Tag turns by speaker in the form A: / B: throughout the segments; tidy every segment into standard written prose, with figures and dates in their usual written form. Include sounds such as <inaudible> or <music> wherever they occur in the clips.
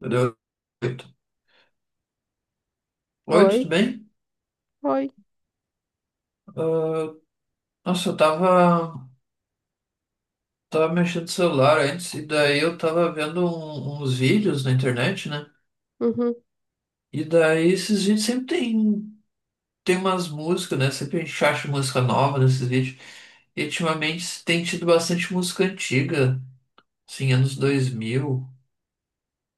A: Deu oito. Oi, tudo
B: Oi,
A: bem?
B: oi.
A: Ah, nossa, tava mexendo no celular antes, e daí eu tava vendo uns vídeos na internet, né?
B: Uhum.
A: E daí esses vídeos tem umas músicas, né? Sempre a gente acha música nova nesses vídeos. E ultimamente tem tido bastante música antiga, assim, anos 2000,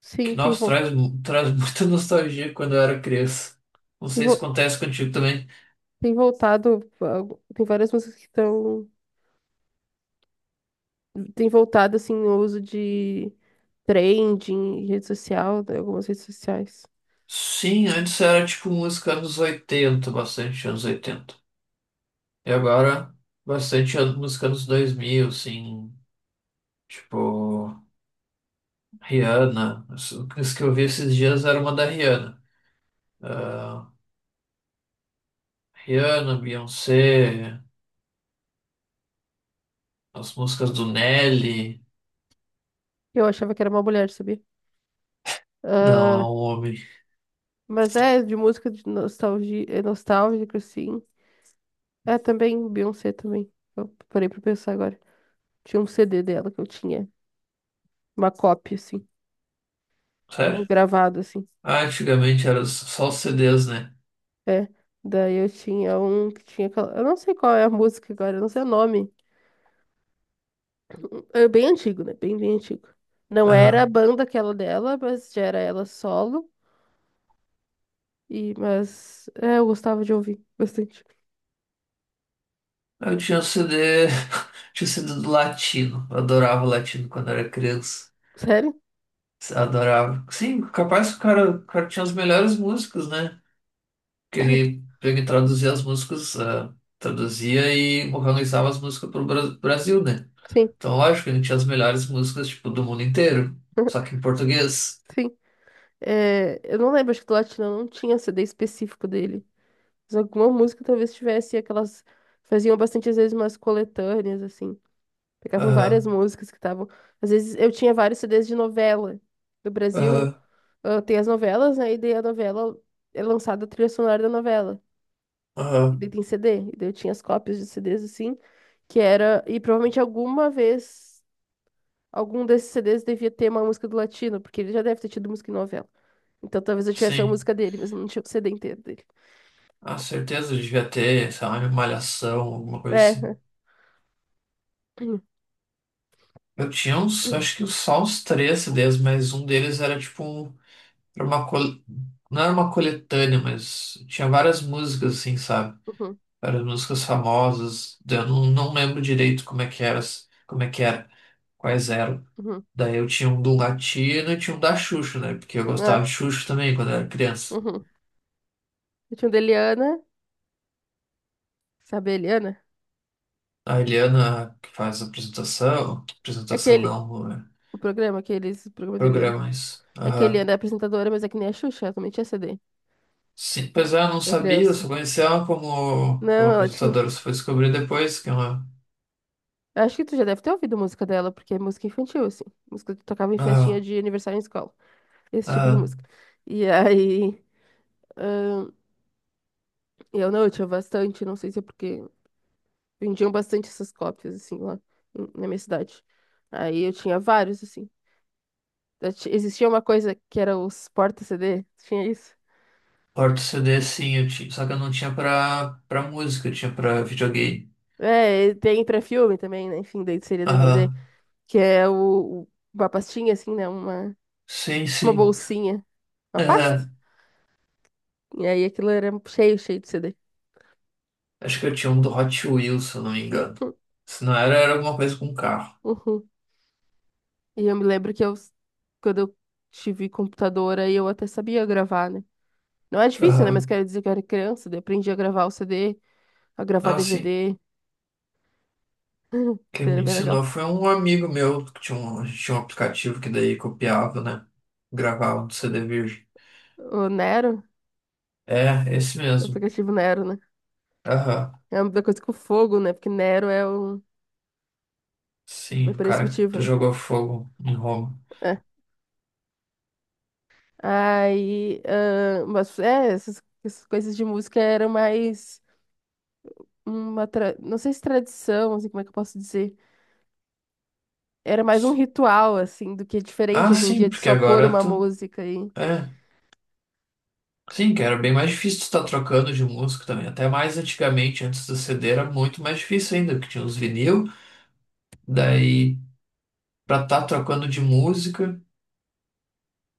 B: Sim,
A: que,
B: tem,
A: nossa,
B: vo
A: traz <laughs> muita nostalgia quando eu era criança. Não
B: tem,
A: sei se
B: vo
A: acontece contigo também.
B: tem voltado. Tem várias músicas que estão. Tem voltado, assim, o uso de trending, rede social, né, algumas redes sociais.
A: Sim, antes era tipo música anos 80, bastante anos 80. E agora, bastante música dos 2000 assim, tipo, Rihanna. Isso que eu vi esses dias era uma da Rihanna. Ah, Rihanna, Beyoncé, as músicas do Nelly.
B: Eu achava que era uma mulher, sabia?
A: Não, é
B: Ah,
A: um homem.
B: mas é, de música de nostalgia, é nostálgico, sim. É também Beyoncé também. Eu parei pra pensar agora. Tinha um CD dela que eu tinha. Uma cópia, assim.
A: Sério?
B: Gravado, assim.
A: Ah, antigamente era só os CDs, né?
B: É, daí eu tinha um que tinha aquela. Eu não sei qual é a música agora, eu não sei o nome. É bem antigo, né? Bem antigo. Não era a
A: Aham.
B: banda aquela dela, mas já era ela solo. E, mas é, eu gostava de ouvir bastante.
A: Eu tinha o CD, <laughs> tinha o CD do latino. Eu adorava o latino quando era criança.
B: Sério?
A: Adorava. Sim, capaz que o cara tinha as melhores músicas, né? Que ele traduzia as músicas, ah, traduzia e organizava as músicas para o Brasil, né?
B: Sim,
A: Então, lógico, ele tinha as melhores músicas, tipo, do mundo inteiro, só
B: <laughs>
A: que em português.
B: sim. É, eu não lembro, acho que do Latino não tinha CD específico dele. Mas alguma música talvez tivesse aquelas. Faziam bastante, às vezes, umas coletâneas, assim. Pegavam várias
A: Aham,
B: músicas que estavam. Às vezes eu tinha vários CDs de novela do
A: aham,
B: Brasil. Tem as novelas, né? E daí a novela é lançada a trilha sonora da novela. E daí
A: aham,
B: tem CD. E daí eu tinha as cópias de CDs assim, que era. E provavelmente alguma vez algum desses CDs devia ter uma música do Latino, porque ele já deve ter tido música em novela. Então talvez eu tivesse a
A: sim.
B: música dele, mas não tinha o CD inteiro dele.
A: Ah, certeza, ele devia ter, sei lá, malhação, alguma coisa assim.
B: É. <clears throat>
A: Eu tinha uns, acho que só uns três CDs, mas um deles era tipo era não era uma coletânea, mas tinha várias músicas, assim, sabe?
B: Uhum,
A: Várias músicas famosas. Eu não, não lembro direito como é que era, quais eram.
B: uhum,
A: Daí eu tinha um do Latino e tinha um da Xuxa, né? Porque eu gostava
B: ah,
A: de Xuxa também quando era criança.
B: uhum. Eu tinha o da Eliana. Sabe a Eliana?
A: A Eliana, que faz a
B: É
A: apresentação
B: aquele.
A: não, é,
B: O programa, aqueles. O programa da Eliana.
A: programas.
B: É que a
A: Aham.
B: Eliana é apresentadora, mas é que nem a Xuxa, ela também tinha CD
A: Sim, pois é, eu não
B: pra
A: sabia, eu
B: criança.
A: só conhecia ela como
B: Não, ela tinha.
A: apresentadora, só fui descobrir depois que é uma.
B: Eu acho que tu já deve ter ouvido música dela, porque é música infantil, assim. Música que tocava em festinha
A: Aham,
B: de aniversário em escola. Esse tipo de música.
A: aham.
B: E aí, ahn, eu tinha bastante, não sei se é porque vendiam bastante essas cópias, assim, lá na minha cidade. Aí eu tinha vários, assim. Existia uma coisa que era os porta-CD, tinha isso.
A: Porta CD sim, eu tinha, só que eu não tinha pra música, eu tinha pra videogame.
B: É, e tem pra filme também, né? Enfim, daí seria DVD,
A: Aham,
B: que é uma pastinha, assim, né? Uma,
A: sim,
B: tipo uma
A: sim.
B: bolsinha, uma pasta.
A: É,
B: E aí aquilo era cheio de CD.
A: acho que eu tinha um do Hot Wheels, se eu não me engano. Se não era, era alguma coisa com carro.
B: Uhum. E eu me lembro que quando eu tive computador, aí eu até sabia gravar, né? Não é difícil, né? Mas
A: Aham.
B: quero dizer que eu era criança, daí aprendi a gravar o CD, a gravar
A: Ah, sim.
B: DVD,
A: Quem
B: era
A: me
B: bem
A: ensinou
B: legal.
A: foi um amigo meu que tinha um, a gente tinha um aplicativo que daí copiava, né? Gravava no CD virgem.
B: O Nero,
A: É, esse
B: o
A: mesmo.
B: aplicativo Nero, né?
A: Aham.
B: É uma coisa com fogo, né? Porque Nero é um. É
A: Sim, o
B: por esse
A: cara
B: motivo,
A: que
B: né?
A: jogou fogo em Roma.
B: É. Aí, essas coisas de música eram mais uma. Não sei se tradição, assim, como é que eu posso dizer? Era mais um ritual, assim, do que é diferente
A: Ah,
B: hoje em
A: sim,
B: dia de
A: porque
B: só pôr
A: agora
B: uma
A: tu.
B: música e.
A: É. Sim, que era bem mais difícil tu estar trocando de música também. Até mais antigamente, antes do CD, era muito mais difícil ainda, porque tinha os vinil. Daí pra estar trocando de música,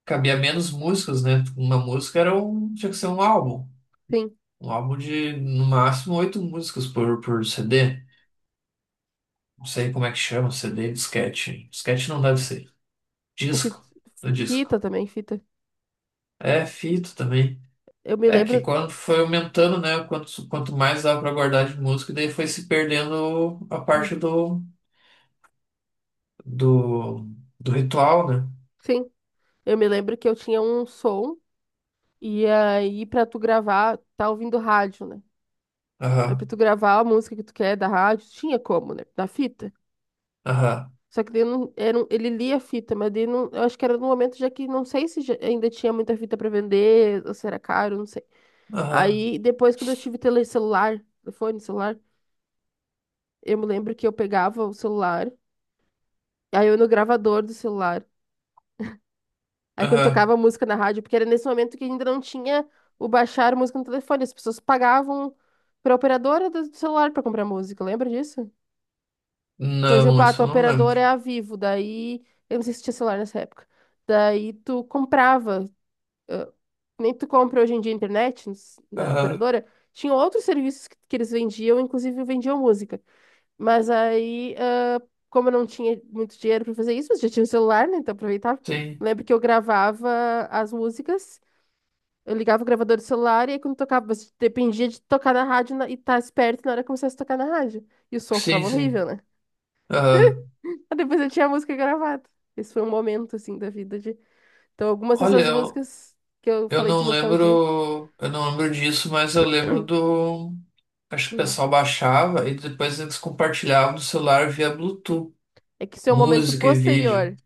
A: cabia menos músicas, né? Uma música era um, tinha que ser um álbum.
B: Sim,
A: Um álbum de, no máximo, oito músicas por CD. Não sei como é que chama, CD, disquete. Disquete não deve ser.
B: o que.
A: Disco, no disco.
B: Fita também, fita.
A: É, fita também.
B: Eu me
A: É que
B: lembro.
A: quando foi aumentando, né? Quanto mais dava pra guardar de música, daí foi se perdendo a parte
B: <clears throat>
A: do, do ritual, né?
B: Sim, eu me lembro que eu tinha um som e aí pra tu gravar, tá ouvindo rádio, né? Aí pra
A: Aham,
B: tu gravar a música que tu quer da rádio, tinha como, né? Da fita.
A: aham,
B: Só que daí não, era, ele lia a fita, mas daí não, eu acho que era no momento já que não sei se ainda tinha muita fita pra vender, ou se era caro, não sei.
A: aham,
B: Aí depois quando eu tive tele celular, telefone, celular. Eu me lembro que eu pegava o celular, aí eu ia no gravador do celular. Aí quando
A: aham.
B: tocava música na rádio, porque era nesse momento que ainda não tinha o baixar música no telefone, as pessoas pagavam pra operadora do celular pra comprar música, lembra disso? Por
A: Não,
B: exemplo, a
A: isso
B: tua
A: eu não
B: operadora é
A: lembro.
B: a Vivo, daí eu não sei se tinha celular nessa época. Daí tu comprava, ah, nem tu compra hoje em dia internet na
A: Aham.
B: operadora, tinha outros serviços que eles vendiam, inclusive vendiam música. Mas aí, como eu não tinha muito dinheiro para fazer isso, mas já tinha um celular, né? Então aproveitava.
A: Sim,
B: Eu lembro que eu gravava as músicas, eu ligava o gravador do celular e aí quando tocava, mas dependia de tocar na rádio e estar esperto na hora que começasse a tocar na rádio. E o som
A: sim,
B: ficava horrível,
A: sim.
B: né?
A: Ah,
B: <laughs> Aí depois eu tinha a música gravada. Esse foi um momento, assim, da vida de... Então, algumas
A: olha,
B: dessas
A: eu,
B: músicas que eu falei de nostalgia.
A: eu não lembro disso, mas eu lembro do, acho que o
B: Hum.
A: pessoal baixava e depois eles compartilhavam no celular via Bluetooth,
B: É que isso é um momento
A: música e vídeo.
B: posterior.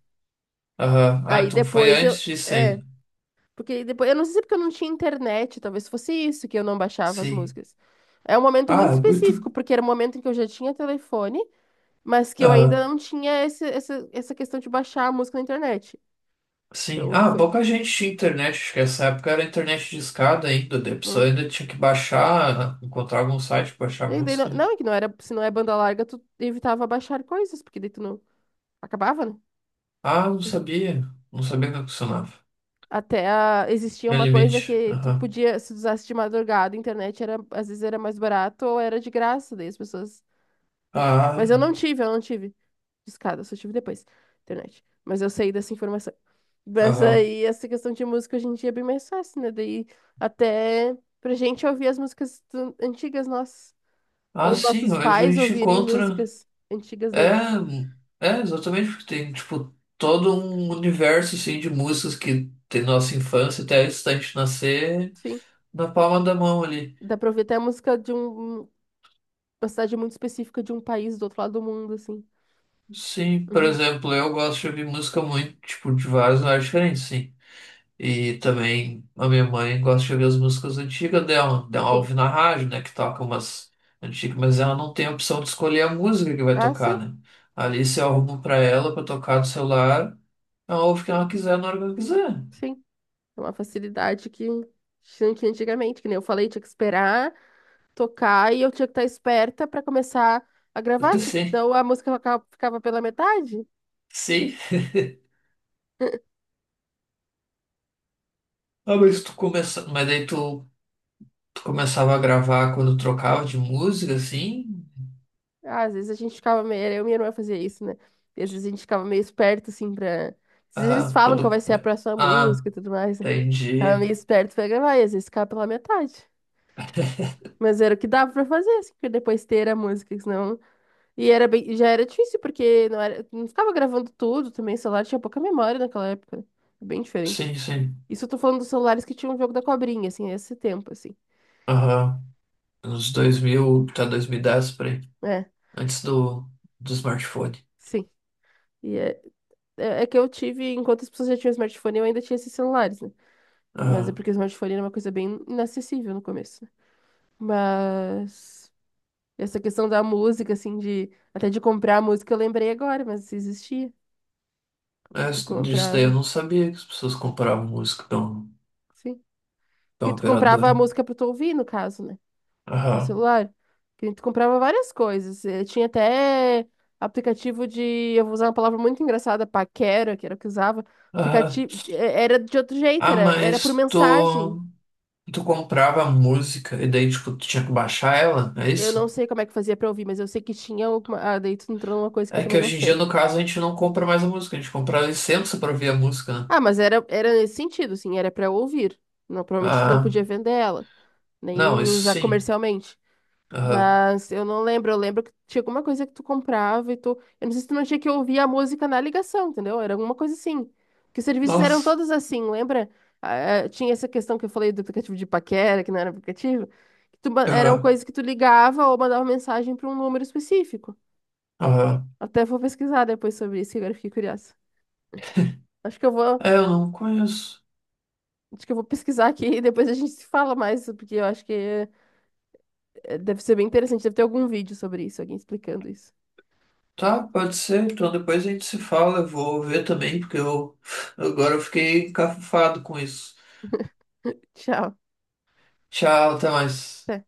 A: Aham. Ah,
B: Aí
A: então foi
B: depois eu...
A: antes disso
B: É.
A: ainda.
B: Porque depois, eu não sei se é porque eu não tinha internet, talvez fosse isso que eu não baixava as
A: Sim.
B: músicas. É um momento
A: Ah,
B: muito
A: é muito.
B: específico, porque era um momento em que eu já tinha telefone, mas que eu ainda
A: Aham.
B: não tinha essa questão de baixar a música na internet.
A: Sim.
B: Então eu
A: Ah,
B: foi.
A: pouca gente tinha internet, acho que essa época era internet de escada ainda, daí a pessoa
B: Hum.
A: ainda tinha que baixar, encontrar algum site para baixar
B: E daí
A: música, né?
B: é que não era, se não é banda larga, tu evitava baixar coisas, porque daí tu não acabava, né?
A: Ah, não sabia que funcionava.
B: Até existia uma coisa
A: Realmente.
B: que tu podia, se usasse de madrugada, a internet era, às vezes era mais barato ou era de graça, daí as pessoas. Mas
A: Ah,
B: eu não tive. Discada, só tive depois. Internet. Mas eu saí dessa informação. Mas
A: aham.
B: aí, essa questão de música hoje em dia é bem mais fácil, né? Daí, até pra gente ouvir as músicas antigas nossas.
A: Ah,
B: Ou
A: sim,
B: nossos
A: hoje a
B: pais
A: gente
B: ouvirem
A: encontra.
B: músicas antigas
A: É,
B: deles.
A: é exatamente porque tem, tipo, todo um universo assim, de músicas que tem nossa infância até antes gente nascer
B: Enfim,
A: na palma da mão ali.
B: dá pra ouvir até a música de uma cidade muito específica de um país do outro lado do mundo, assim.
A: Sim, por
B: Uhum.
A: exemplo, eu gosto de ouvir música muito, tipo, de vários lugares diferentes, sim. E também a minha mãe gosta de ouvir as músicas antigas dela. Ela
B: Sim.
A: ouve na rádio, né? Que toca umas antigas, mas ela não tem a opção de escolher a música que vai
B: Ah,
A: tocar,
B: sim,
A: né? Ali se eu arrumo pra ela pra tocar no celular, ela ouve o que ela quiser na hora que ela quiser.
B: sim. É uma facilidade que tinha que antigamente, que nem eu falei, tinha que esperar tocar e eu tinha que estar esperta pra começar a gravar,
A: <laughs> Sim,
B: senão a música ficava pela metade.
A: sim.
B: <laughs>
A: Ah, mas tu começa... Mas daí tu, tu começava a gravar quando trocava de música, assim?
B: Ah, às vezes a gente ficava meio. Era Eu e minha irmã fazia isso, né? E às vezes a gente ficava meio esperto, assim, pra. Às vezes eles
A: Ah,
B: falam qual
A: quando...
B: vai ser a próxima
A: Ah,
B: música e tudo mais, né? Ficava
A: entendi.
B: meio esperto pra gravar, e às vezes ficava pela metade. Mas era o que dava pra fazer, assim, porque depois ter a música, que senão. E era bem... e já era difícil, porque não era... não ficava gravando tudo também, o celular tinha pouca memória naquela época, né? Bem diferente.
A: Sim, sim.
B: Isso eu tô falando dos celulares que tinham o jogo da cobrinha, assim, esse tempo, assim.
A: Aham. Nos 2000 tá 2010 por aí.
B: É,
A: Antes do smartphone.
B: sim. E é que eu tive, enquanto as pessoas já tinham smartphone, eu ainda tinha esses celulares, né? Mas é
A: Ah,
B: porque o smartphone era uma coisa bem inacessível no começo, né? Mas essa questão da música, assim, de até de comprar a música, eu lembrei agora, mas isso existia. Tu
A: disso daí eu
B: comprava,
A: não sabia que as pessoas compravam música
B: sim.
A: da
B: Porque tu comprava a
A: operadora.
B: música pra tu ouvir, no caso, né? Teu
A: Aham,
B: celular? Que a gente comprava várias coisas. Tinha até aplicativo de. Eu vou usar uma palavra muito engraçada, paquera, que era o que usava.
A: aham.
B: Aplicativo. Era de outro jeito,
A: Ah,
B: era por mensagem.
A: tu comprava música e daí, tipo, tu tinha que baixar ela, é
B: Eu não
A: isso?
B: sei como é que fazia pra ouvir, mas eu sei que tinha alguma. Ah, daí tu entrou numa coisa que eu
A: É que
B: também não
A: hoje em dia,
B: sei.
A: no caso, a gente não compra mais a música, a gente compra a licença pra ouvir a música, né?
B: Ah, mas era nesse sentido, assim, era pra ouvir. Não, provavelmente tu não
A: Ah,
B: podia vender ela, nem
A: não, isso
B: usar
A: sim.
B: comercialmente.
A: Aham.
B: Mas eu não lembro, eu lembro que tinha alguma coisa que tu comprava e tu. Eu não sei se tu não tinha que ouvir a música na ligação, entendeu? Era alguma coisa assim. Que os serviços eram
A: Nossa.
B: todos assim, lembra? Ah, é, tinha essa questão que eu falei do aplicativo de paquera, que não era aplicativo. Que tu, eram
A: Aham,
B: coisas que tu ligava ou mandava mensagem para um número específico.
A: aham.
B: Até vou pesquisar depois sobre isso, que agora eu fiquei curiosa. Acho que eu vou,
A: É, eu não conheço.
B: acho que eu vou pesquisar aqui e depois a gente se fala mais, porque eu acho que deve ser bem interessante. Deve ter algum vídeo sobre isso, alguém explicando isso.
A: Tá, pode ser. Então depois a gente se fala. Eu vou ver também, porque eu agora eu fiquei encafufado com isso.
B: Tchau,
A: Tchau, até mais.
B: até.